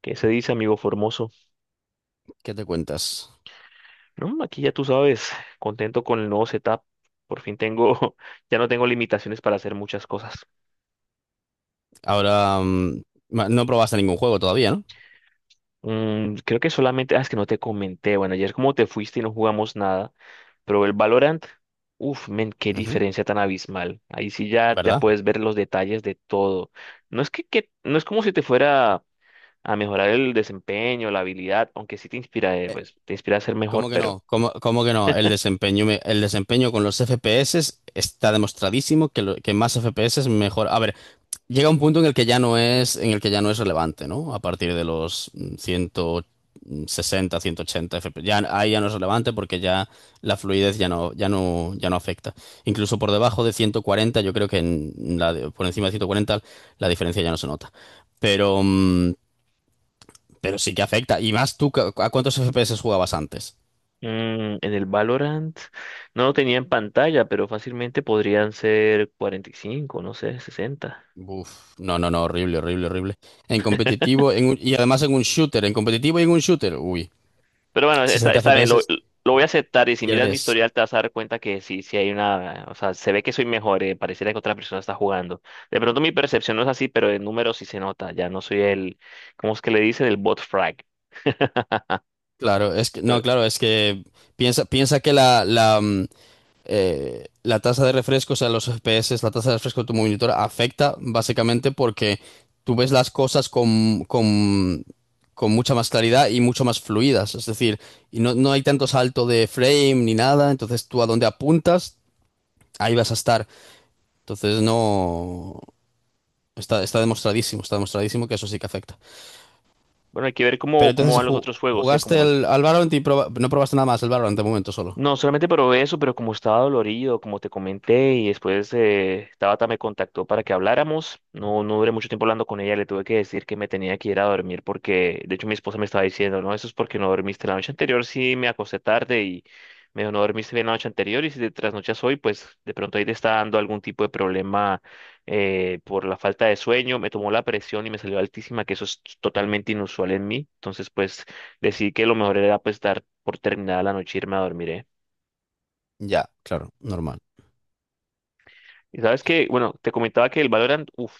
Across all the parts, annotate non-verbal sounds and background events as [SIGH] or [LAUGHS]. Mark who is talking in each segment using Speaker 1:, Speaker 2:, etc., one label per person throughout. Speaker 1: ¿Qué se dice, amigo Formoso?
Speaker 2: ¿Qué te cuentas?
Speaker 1: No, aquí ya tú sabes, contento con el nuevo setup. Por fin tengo, [LAUGHS] ya no tengo limitaciones para hacer muchas cosas.
Speaker 2: Ahora, no probaste ningún juego todavía, ¿no?
Speaker 1: Creo que solamente, es que no te comenté. Bueno, ayer como te fuiste y no jugamos nada, pero el Valorant, uff, men, qué
Speaker 2: Ujú.
Speaker 1: diferencia tan abismal. Ahí sí ya, ya
Speaker 2: ¿Verdad?
Speaker 1: puedes ver los detalles de todo. No es que, no es como si te fuera a mejorar el desempeño, la habilidad, aunque sí te inspira,
Speaker 2: Eh,
Speaker 1: pues te inspira a ser mejor,
Speaker 2: ¿Cómo que
Speaker 1: pero
Speaker 2: no? ¿Cómo que no? El desempeño, el desempeño con los FPS está demostradísimo que, que más FPS es mejor. A ver, llega un punto en el que ya no es, en el que ya no es relevante, ¿no? A partir de los 160, 180 FPS. Ya, ahí ya no es relevante porque ya la fluidez ya no afecta. Incluso por debajo de 140, yo creo que en por encima de 140 la diferencia ya no se nota. Pero, mm, pero sí que afecta. Y más tú, ¿a cuántos FPS jugabas antes?
Speaker 1: En el Valorant no lo tenía en pantalla, pero fácilmente podrían ser 45, no sé, 60.
Speaker 2: Uf, no, no, no, horrible, horrible, horrible. En competitivo, y además en un shooter, en competitivo y en un shooter, uy,
Speaker 1: Pero bueno,
Speaker 2: 60
Speaker 1: está bien,
Speaker 2: FPS
Speaker 1: lo voy a aceptar y si miras mi
Speaker 2: pierdes.
Speaker 1: historial te vas a dar cuenta que sí, sí hay una, o sea, se ve que soy mejor, pareciera que otra persona está jugando. De pronto mi percepción no es así, pero en números sí se nota, ya no soy ¿cómo es que le dicen? El bot frag.
Speaker 2: Claro, es que,
Speaker 1: Pero,
Speaker 2: no, claro, es que piensa que la tasa de refresco, o sea, los FPS, la tasa de refresco de tu monitor afecta básicamente porque tú ves las cosas con mucha más claridad y mucho más fluidas. Es decir, y no hay tanto salto de frame ni nada, entonces tú a donde apuntas, ahí vas a estar. Entonces no. Está demostradísimo que eso sí que afecta.
Speaker 1: bueno, hay que ver
Speaker 2: Pero
Speaker 1: cómo
Speaker 2: entonces,
Speaker 1: van los otros juegos,
Speaker 2: ¿jugaste
Speaker 1: como el...
Speaker 2: al Valorant y no probaste nada más el Valorant de momento solo?
Speaker 1: No, solamente probé eso, pero como estaba dolorido, como te comenté, y después Tabata me contactó para que habláramos. No, no duré mucho tiempo hablando con ella, le tuve que decir que me tenía que ir a dormir porque, de hecho, mi esposa me estaba diciendo, no, eso es porque no dormiste la noche anterior, sí me acosté tarde y me dijo, no dormiste bien la noche anterior y si te trasnochas hoy, pues de pronto ahí te está dando algún tipo de problema por la falta de sueño. Me tomó la presión y me salió altísima, que eso es totalmente inusual en mí. Entonces, pues decidí que lo mejor era pues dar por terminada la noche y irme a dormir, ¿eh?
Speaker 2: Ya, claro, normal.
Speaker 1: Y sabes que, bueno, te comentaba que el Valorant, uff,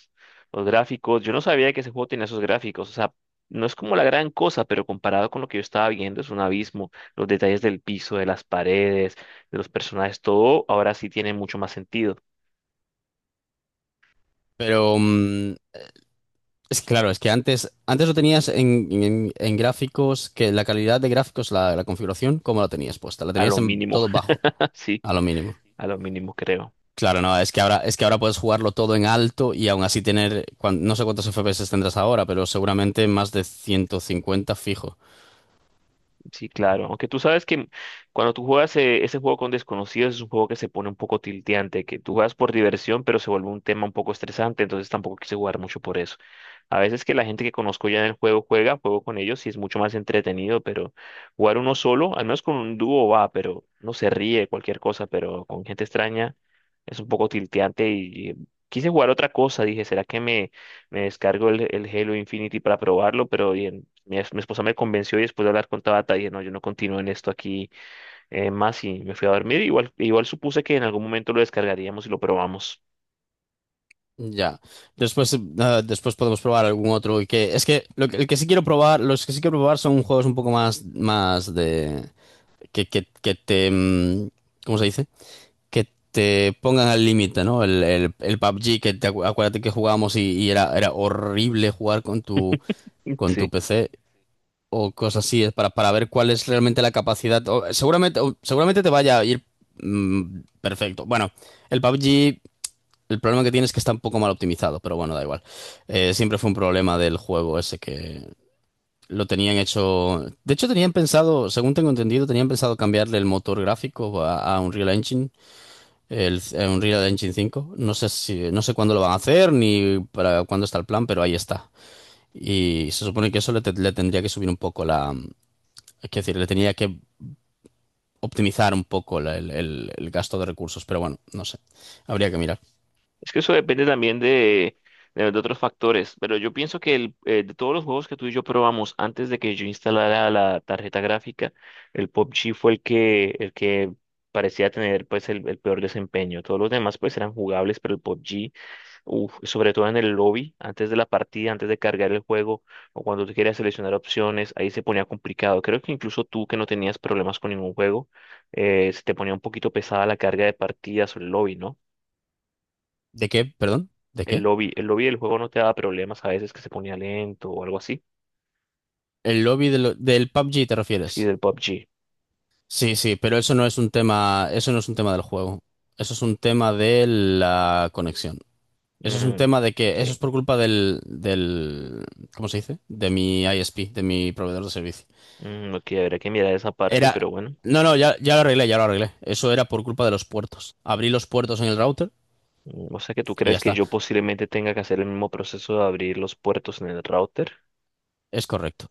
Speaker 1: los gráficos, yo no sabía que ese juego tenía esos gráficos, o sea, no es como la gran cosa, pero comparado con lo que yo estaba viendo, es un abismo. Los detalles del piso, de las paredes, de los personajes, todo ahora sí tiene mucho más sentido,
Speaker 2: Pero mm, es que, claro, es que antes lo tenías en, en gráficos, que la calidad de gráficos, la configuración, ¿cómo la tenías puesta? La
Speaker 1: a
Speaker 2: tenías
Speaker 1: lo
Speaker 2: en
Speaker 1: mínimo,
Speaker 2: todo bajo,
Speaker 1: [LAUGHS] sí,
Speaker 2: a lo mínimo.
Speaker 1: a lo mínimo creo.
Speaker 2: Claro, no, es que ahora puedes jugarlo todo en alto y aún así tener, no sé cuántos FPS tendrás ahora, pero seguramente más de 150 fijo.
Speaker 1: Sí, claro, aunque tú sabes que cuando tú juegas ese juego con desconocidos es un juego que se pone un poco tilteante, que tú juegas por diversión, pero se vuelve un tema un poco estresante, entonces tampoco quise jugar mucho por eso. A veces que la gente que conozco ya en el juego juega, juego con ellos y es mucho más entretenido, pero jugar uno solo, al menos con un dúo va, pero no se ríe, cualquier cosa, pero con gente extraña es un poco tilteante y quise jugar otra cosa, dije, ¿será que me descargo el Halo Infinity para probarlo? Pero bien, mi esposa me convenció y después de hablar con Tabata dije, no, yo no continúo en esto aquí más y me fui a dormir. Igual, igual supuse que en algún momento lo descargaríamos y lo probamos.
Speaker 2: Ya. Después podemos probar algún otro. Y que, es que, el que sí quiero probar, los que sí quiero probar son juegos un poco más, más de. Que te, ¿cómo se dice? Que te pongan al límite, ¿no? El PUBG, que te acuérdate que jugábamos y, era, horrible jugar
Speaker 1: [LAUGHS]
Speaker 2: con tu
Speaker 1: Sí.
Speaker 2: PC o cosas así, es para ver cuál es realmente la capacidad. Seguramente te vaya a ir perfecto. Bueno, el PUBG, el problema que tiene es que está un poco mal optimizado, pero bueno, da igual. Siempre fue un problema del juego ese que, lo tenían hecho. De hecho, tenían pensado, según tengo entendido, tenían pensado cambiarle el motor gráfico a Unreal Engine, a Unreal Engine 5. No sé cuándo lo van a hacer ni para cuándo está el plan, pero ahí está. Y se supone que eso le tendría que subir un poco la. Es decir, le tenía que optimizar un poco el gasto de recursos, pero bueno, no sé. Habría que mirar.
Speaker 1: Es que eso depende también de, de otros factores, pero yo pienso que de todos los juegos que tú y yo probamos antes de que yo instalara la tarjeta gráfica, el P U B G fue el que parecía tener pues el peor desempeño. Todos los demás pues eran jugables, pero el PUBG, uf, sobre todo en el lobby, antes de la partida, antes de cargar el juego o cuando tú querías seleccionar opciones, ahí se ponía complicado. Creo que incluso tú que no tenías problemas con ningún juego, se te ponía un poquito pesada la carga de partidas o el lobby, ¿no?
Speaker 2: ¿De qué? Perdón, ¿de qué?
Speaker 1: El lobby del juego no te da problemas a veces que se ponía lento o algo así.
Speaker 2: ¿El lobby del PUBG te
Speaker 1: Sí,
Speaker 2: refieres?
Speaker 1: del PUBG.
Speaker 2: Sí, sí, pero eso no es un tema, eso no es un tema del juego. Eso es un tema de la conexión. Eso es un
Speaker 1: Mm,
Speaker 2: tema de que eso es
Speaker 1: ok.
Speaker 2: por culpa del, ¿cómo se dice? De mi ISP, de mi proveedor de servicio.
Speaker 1: Mm, ok, habrá que mirar esa parte,
Speaker 2: Era,
Speaker 1: pero bueno.
Speaker 2: no, no, ya lo arreglé, ya lo arreglé. Eso era por culpa de los puertos. Abrí los puertos en el router
Speaker 1: Mm, o sea que tú
Speaker 2: y ya
Speaker 1: crees que
Speaker 2: está.
Speaker 1: yo posiblemente tenga que hacer el mismo proceso de abrir los puertos en el router.
Speaker 2: Es correcto.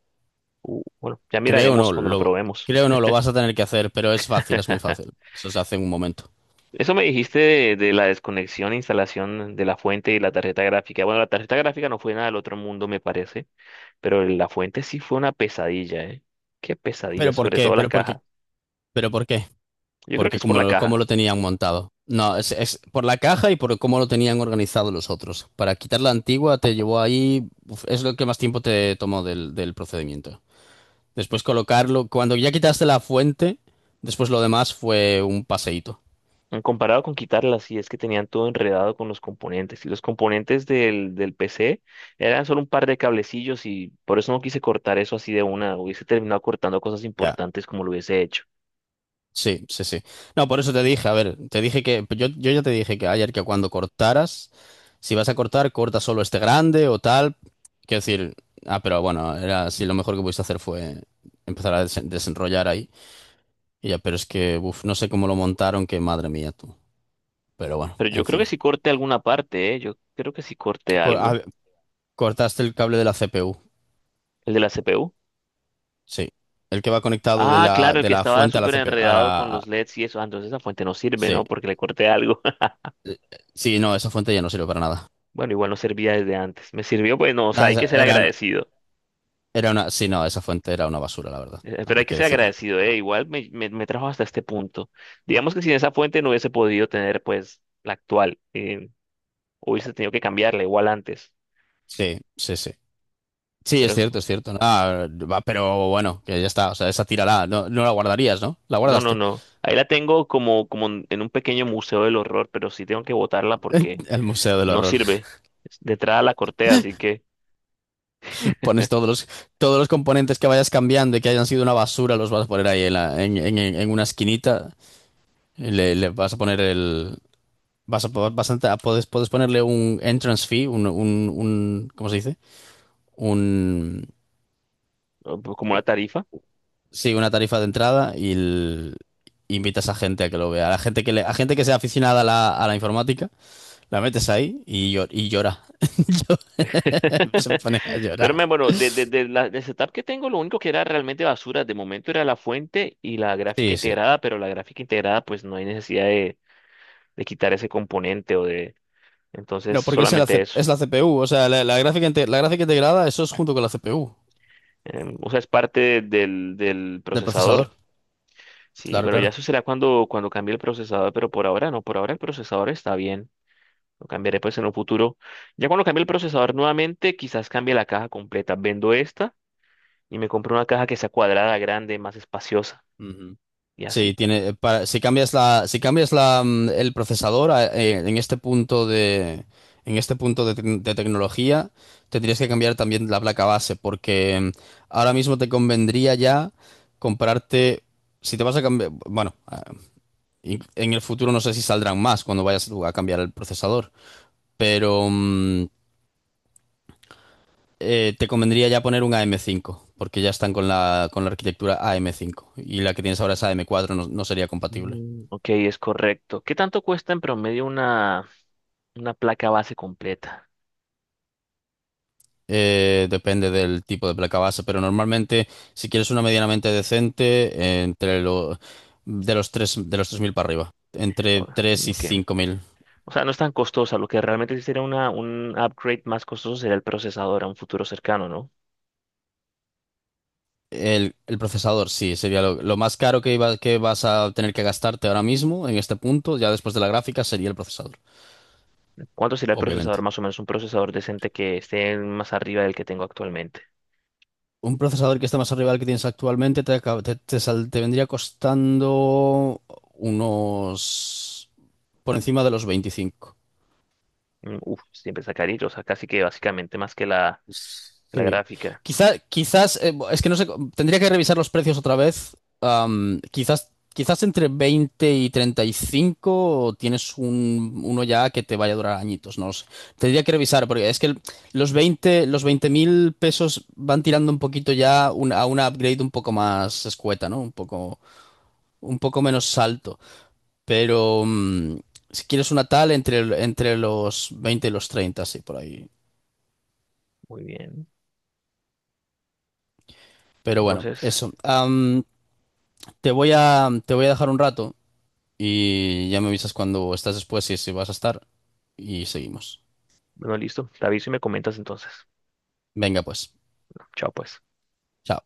Speaker 1: Bueno, ya
Speaker 2: Creo
Speaker 1: miraremos
Speaker 2: no,
Speaker 1: cuando lo
Speaker 2: lo,
Speaker 1: probemos.
Speaker 2: creo no, lo vas a tener que hacer, pero es fácil, es muy fácil.
Speaker 1: [LAUGHS]
Speaker 2: Eso se hace en un momento.
Speaker 1: Eso me dijiste de la desconexión e instalación de la fuente y la tarjeta gráfica. Bueno, la tarjeta gráfica no fue nada del otro mundo, me parece, pero la fuente sí fue una pesadilla, ¿eh? Qué pesadilla,
Speaker 2: ¿Pero por
Speaker 1: sobre
Speaker 2: qué?
Speaker 1: todo la
Speaker 2: ¿Pero por qué?
Speaker 1: caja.
Speaker 2: ¿Pero por qué?
Speaker 1: Yo creo que
Speaker 2: Porque
Speaker 1: es por la
Speaker 2: como
Speaker 1: caja.
Speaker 2: lo tenían montado. No, es por la caja y por cómo lo tenían organizado los otros. Para quitar la antigua te llevó ahí, uf, es lo que más tiempo te tomó del procedimiento. Después colocarlo, cuando ya quitaste la fuente, después lo demás fue un paseíto.
Speaker 1: Comparado con quitarlas, sí es que tenían todo enredado con los componentes. Y los componentes del PC eran solo un par de cablecillos y por eso no quise cortar eso así de una. Hubiese terminado cortando cosas
Speaker 2: Ya.
Speaker 1: importantes como lo hubiese hecho.
Speaker 2: Sí, sí, sí. No, por eso te dije, a ver, te dije que, yo ya te dije que ayer que cuando cortaras, si vas a cortar, corta solo este grande o tal. Quiero decir, pero bueno, era así, lo mejor que pudiste hacer fue empezar a desenrollar ahí. Ya, pero es que, uf, no sé cómo lo montaron, que madre mía tú. Pero bueno,
Speaker 1: Pero yo
Speaker 2: en
Speaker 1: creo que
Speaker 2: fin.
Speaker 1: sí corté alguna parte, ¿eh? Yo creo que sí corté
Speaker 2: Co-
Speaker 1: algo.
Speaker 2: a- Cortaste el cable de la CPU.
Speaker 1: El de la CPU.
Speaker 2: Sí. El que va conectado de
Speaker 1: Ah,
Speaker 2: la,
Speaker 1: claro, el
Speaker 2: de
Speaker 1: que
Speaker 2: la
Speaker 1: estaba
Speaker 2: fuente a la
Speaker 1: súper
Speaker 2: CPU.
Speaker 1: enredado con los LEDs y eso. Ah, entonces esa fuente no sirve,
Speaker 2: Sí.
Speaker 1: ¿no? Porque le corté algo. [LAUGHS]
Speaker 2: Eh, Sí, no, esa fuente ya no sirve para nada.
Speaker 1: Bueno, igual no servía desde antes. Me sirvió, bueno, o sea,
Speaker 2: Ah,
Speaker 1: hay que ser agradecido.
Speaker 2: sí, no, esa fuente era una basura, la verdad.
Speaker 1: Pero hay
Speaker 2: Hay
Speaker 1: que
Speaker 2: que
Speaker 1: ser
Speaker 2: decirlo.
Speaker 1: agradecido, ¿eh? Igual me trajo hasta este punto. Digamos que sin esa fuente no hubiese podido tener, pues, la actual. Hubiese tenido que cambiarla igual antes.
Speaker 2: Sí, sí, sí. Sí,
Speaker 1: Pero
Speaker 2: es
Speaker 1: es-
Speaker 2: cierto, es cierto. ¿No? Ah, va, pero bueno, que ya está. O sea, esa tírala. No, no la guardarías, ¿no? La
Speaker 1: no, no,
Speaker 2: guardaste.
Speaker 1: no. Ahí la tengo como, como en un pequeño museo del horror, pero sí tengo que botarla porque
Speaker 2: El Museo del
Speaker 1: no
Speaker 2: Horror.
Speaker 1: sirve. Detrás la corté, así que,
Speaker 2: Pones todos los componentes que vayas cambiando y que hayan sido una basura, los vas a poner ahí en, la- en una esquinita. Y le vas a poner el. Vas a, po- vas a- Puedes ponerle un entrance fee, un, ¿cómo se dice? Un.
Speaker 1: pues, como la tarifa.
Speaker 2: Sí, una tarifa de entrada invitas a gente a que lo vea. A la gente que sea aficionada a la informática, la metes ahí y llora. [LAUGHS] Se
Speaker 1: [LAUGHS]
Speaker 2: pone a llorar.
Speaker 1: Bueno, de, de la, del setup que tengo, lo único que era realmente basura de momento era la fuente y la gráfica
Speaker 2: Sí, sí.
Speaker 1: integrada, pero la gráfica integrada, pues no hay necesidad de quitar ese componente o de... Entonces,
Speaker 2: No, porque es, en la,
Speaker 1: solamente
Speaker 2: C-
Speaker 1: eso.
Speaker 2: es la CPU, o sea, la gráfica, la gráfica integrada, eso es junto con la CPU
Speaker 1: O sea, es parte del
Speaker 2: del
Speaker 1: procesador.
Speaker 2: procesador.
Speaker 1: Sí,
Speaker 2: Claro,
Speaker 1: bueno, ya
Speaker 2: claro.
Speaker 1: eso será cuando, cuando cambie el procesador, pero por ahora no, por ahora el procesador está bien. Lo cambiaré pues en un futuro. Ya cuando cambie el procesador nuevamente, quizás cambie la caja completa. Vendo esta y me compro una caja que sea cuadrada, grande, más espaciosa
Speaker 2: Ujú.
Speaker 1: y
Speaker 2: Sí,
Speaker 1: así.
Speaker 2: tiene, para, si cambias la, si cambias la, mm, el procesador en este punto de, en este punto de, tec- de tecnología, tendrías que cambiar también la placa base, porque ahora mismo te convendría ya comprarte, si te vas a cambiar, bueno, en el futuro no sé si saldrán más cuando vayas tú a cambiar el procesador, pero te convendría ya poner un AM5, porque ya están con la arquitectura AM5 y la que tienes ahora es AM4, no, no sería compatible.
Speaker 1: Mm, ok, es correcto. ¿Qué tanto cuesta en promedio una placa base completa?
Speaker 2: Depende del tipo de placa base, pero normalmente si quieres una medianamente decente, entre lo, de los 3 de los 3000 para arriba,
Speaker 1: O-
Speaker 2: entre 3 y
Speaker 1: ok.
Speaker 2: 5000.
Speaker 1: O sea, no es tan costosa. Lo que realmente sí sería una, un upgrade más costoso sería el procesador a un futuro cercano, ¿no?
Speaker 2: El procesador, sí, sería lo más caro que vas a tener que gastarte ahora mismo en este punto, ya después de la gráfica, sería el procesador,
Speaker 1: ¿Cuánto sería el procesador
Speaker 2: obviamente.
Speaker 1: más o menos? Un procesador decente que esté más arriba del que tengo actualmente.
Speaker 2: Un procesador que esté más arriba del que tienes actualmente te, acab- te sal- te vendría costando unos por encima de los 25.
Speaker 1: Mm, uf, siempre está carito. O sea, casi que básicamente más que la
Speaker 2: Sí.
Speaker 1: gráfica.
Speaker 2: Es que no sé, tendría que revisar los precios otra vez. Quizás entre 20 y 35 tienes uno ya que te vaya a durar añitos, no lo sé. Tendría que revisar, porque es que los veinte mil pesos van tirando un poquito ya a una upgrade un poco más escueta, ¿no? Un poco menos alto, pero si quieres una tal entre los 20 y los 30 sí, por ahí.
Speaker 1: Muy bien.
Speaker 2: Pero bueno,
Speaker 1: Entonces,
Speaker 2: eso. Te voy a dejar un rato y ya me avisas cuando estás después y si vas a estar y seguimos.
Speaker 1: bueno, listo. Te aviso y me comentas entonces.
Speaker 2: Venga, pues.
Speaker 1: Chao, pues.
Speaker 2: Chao.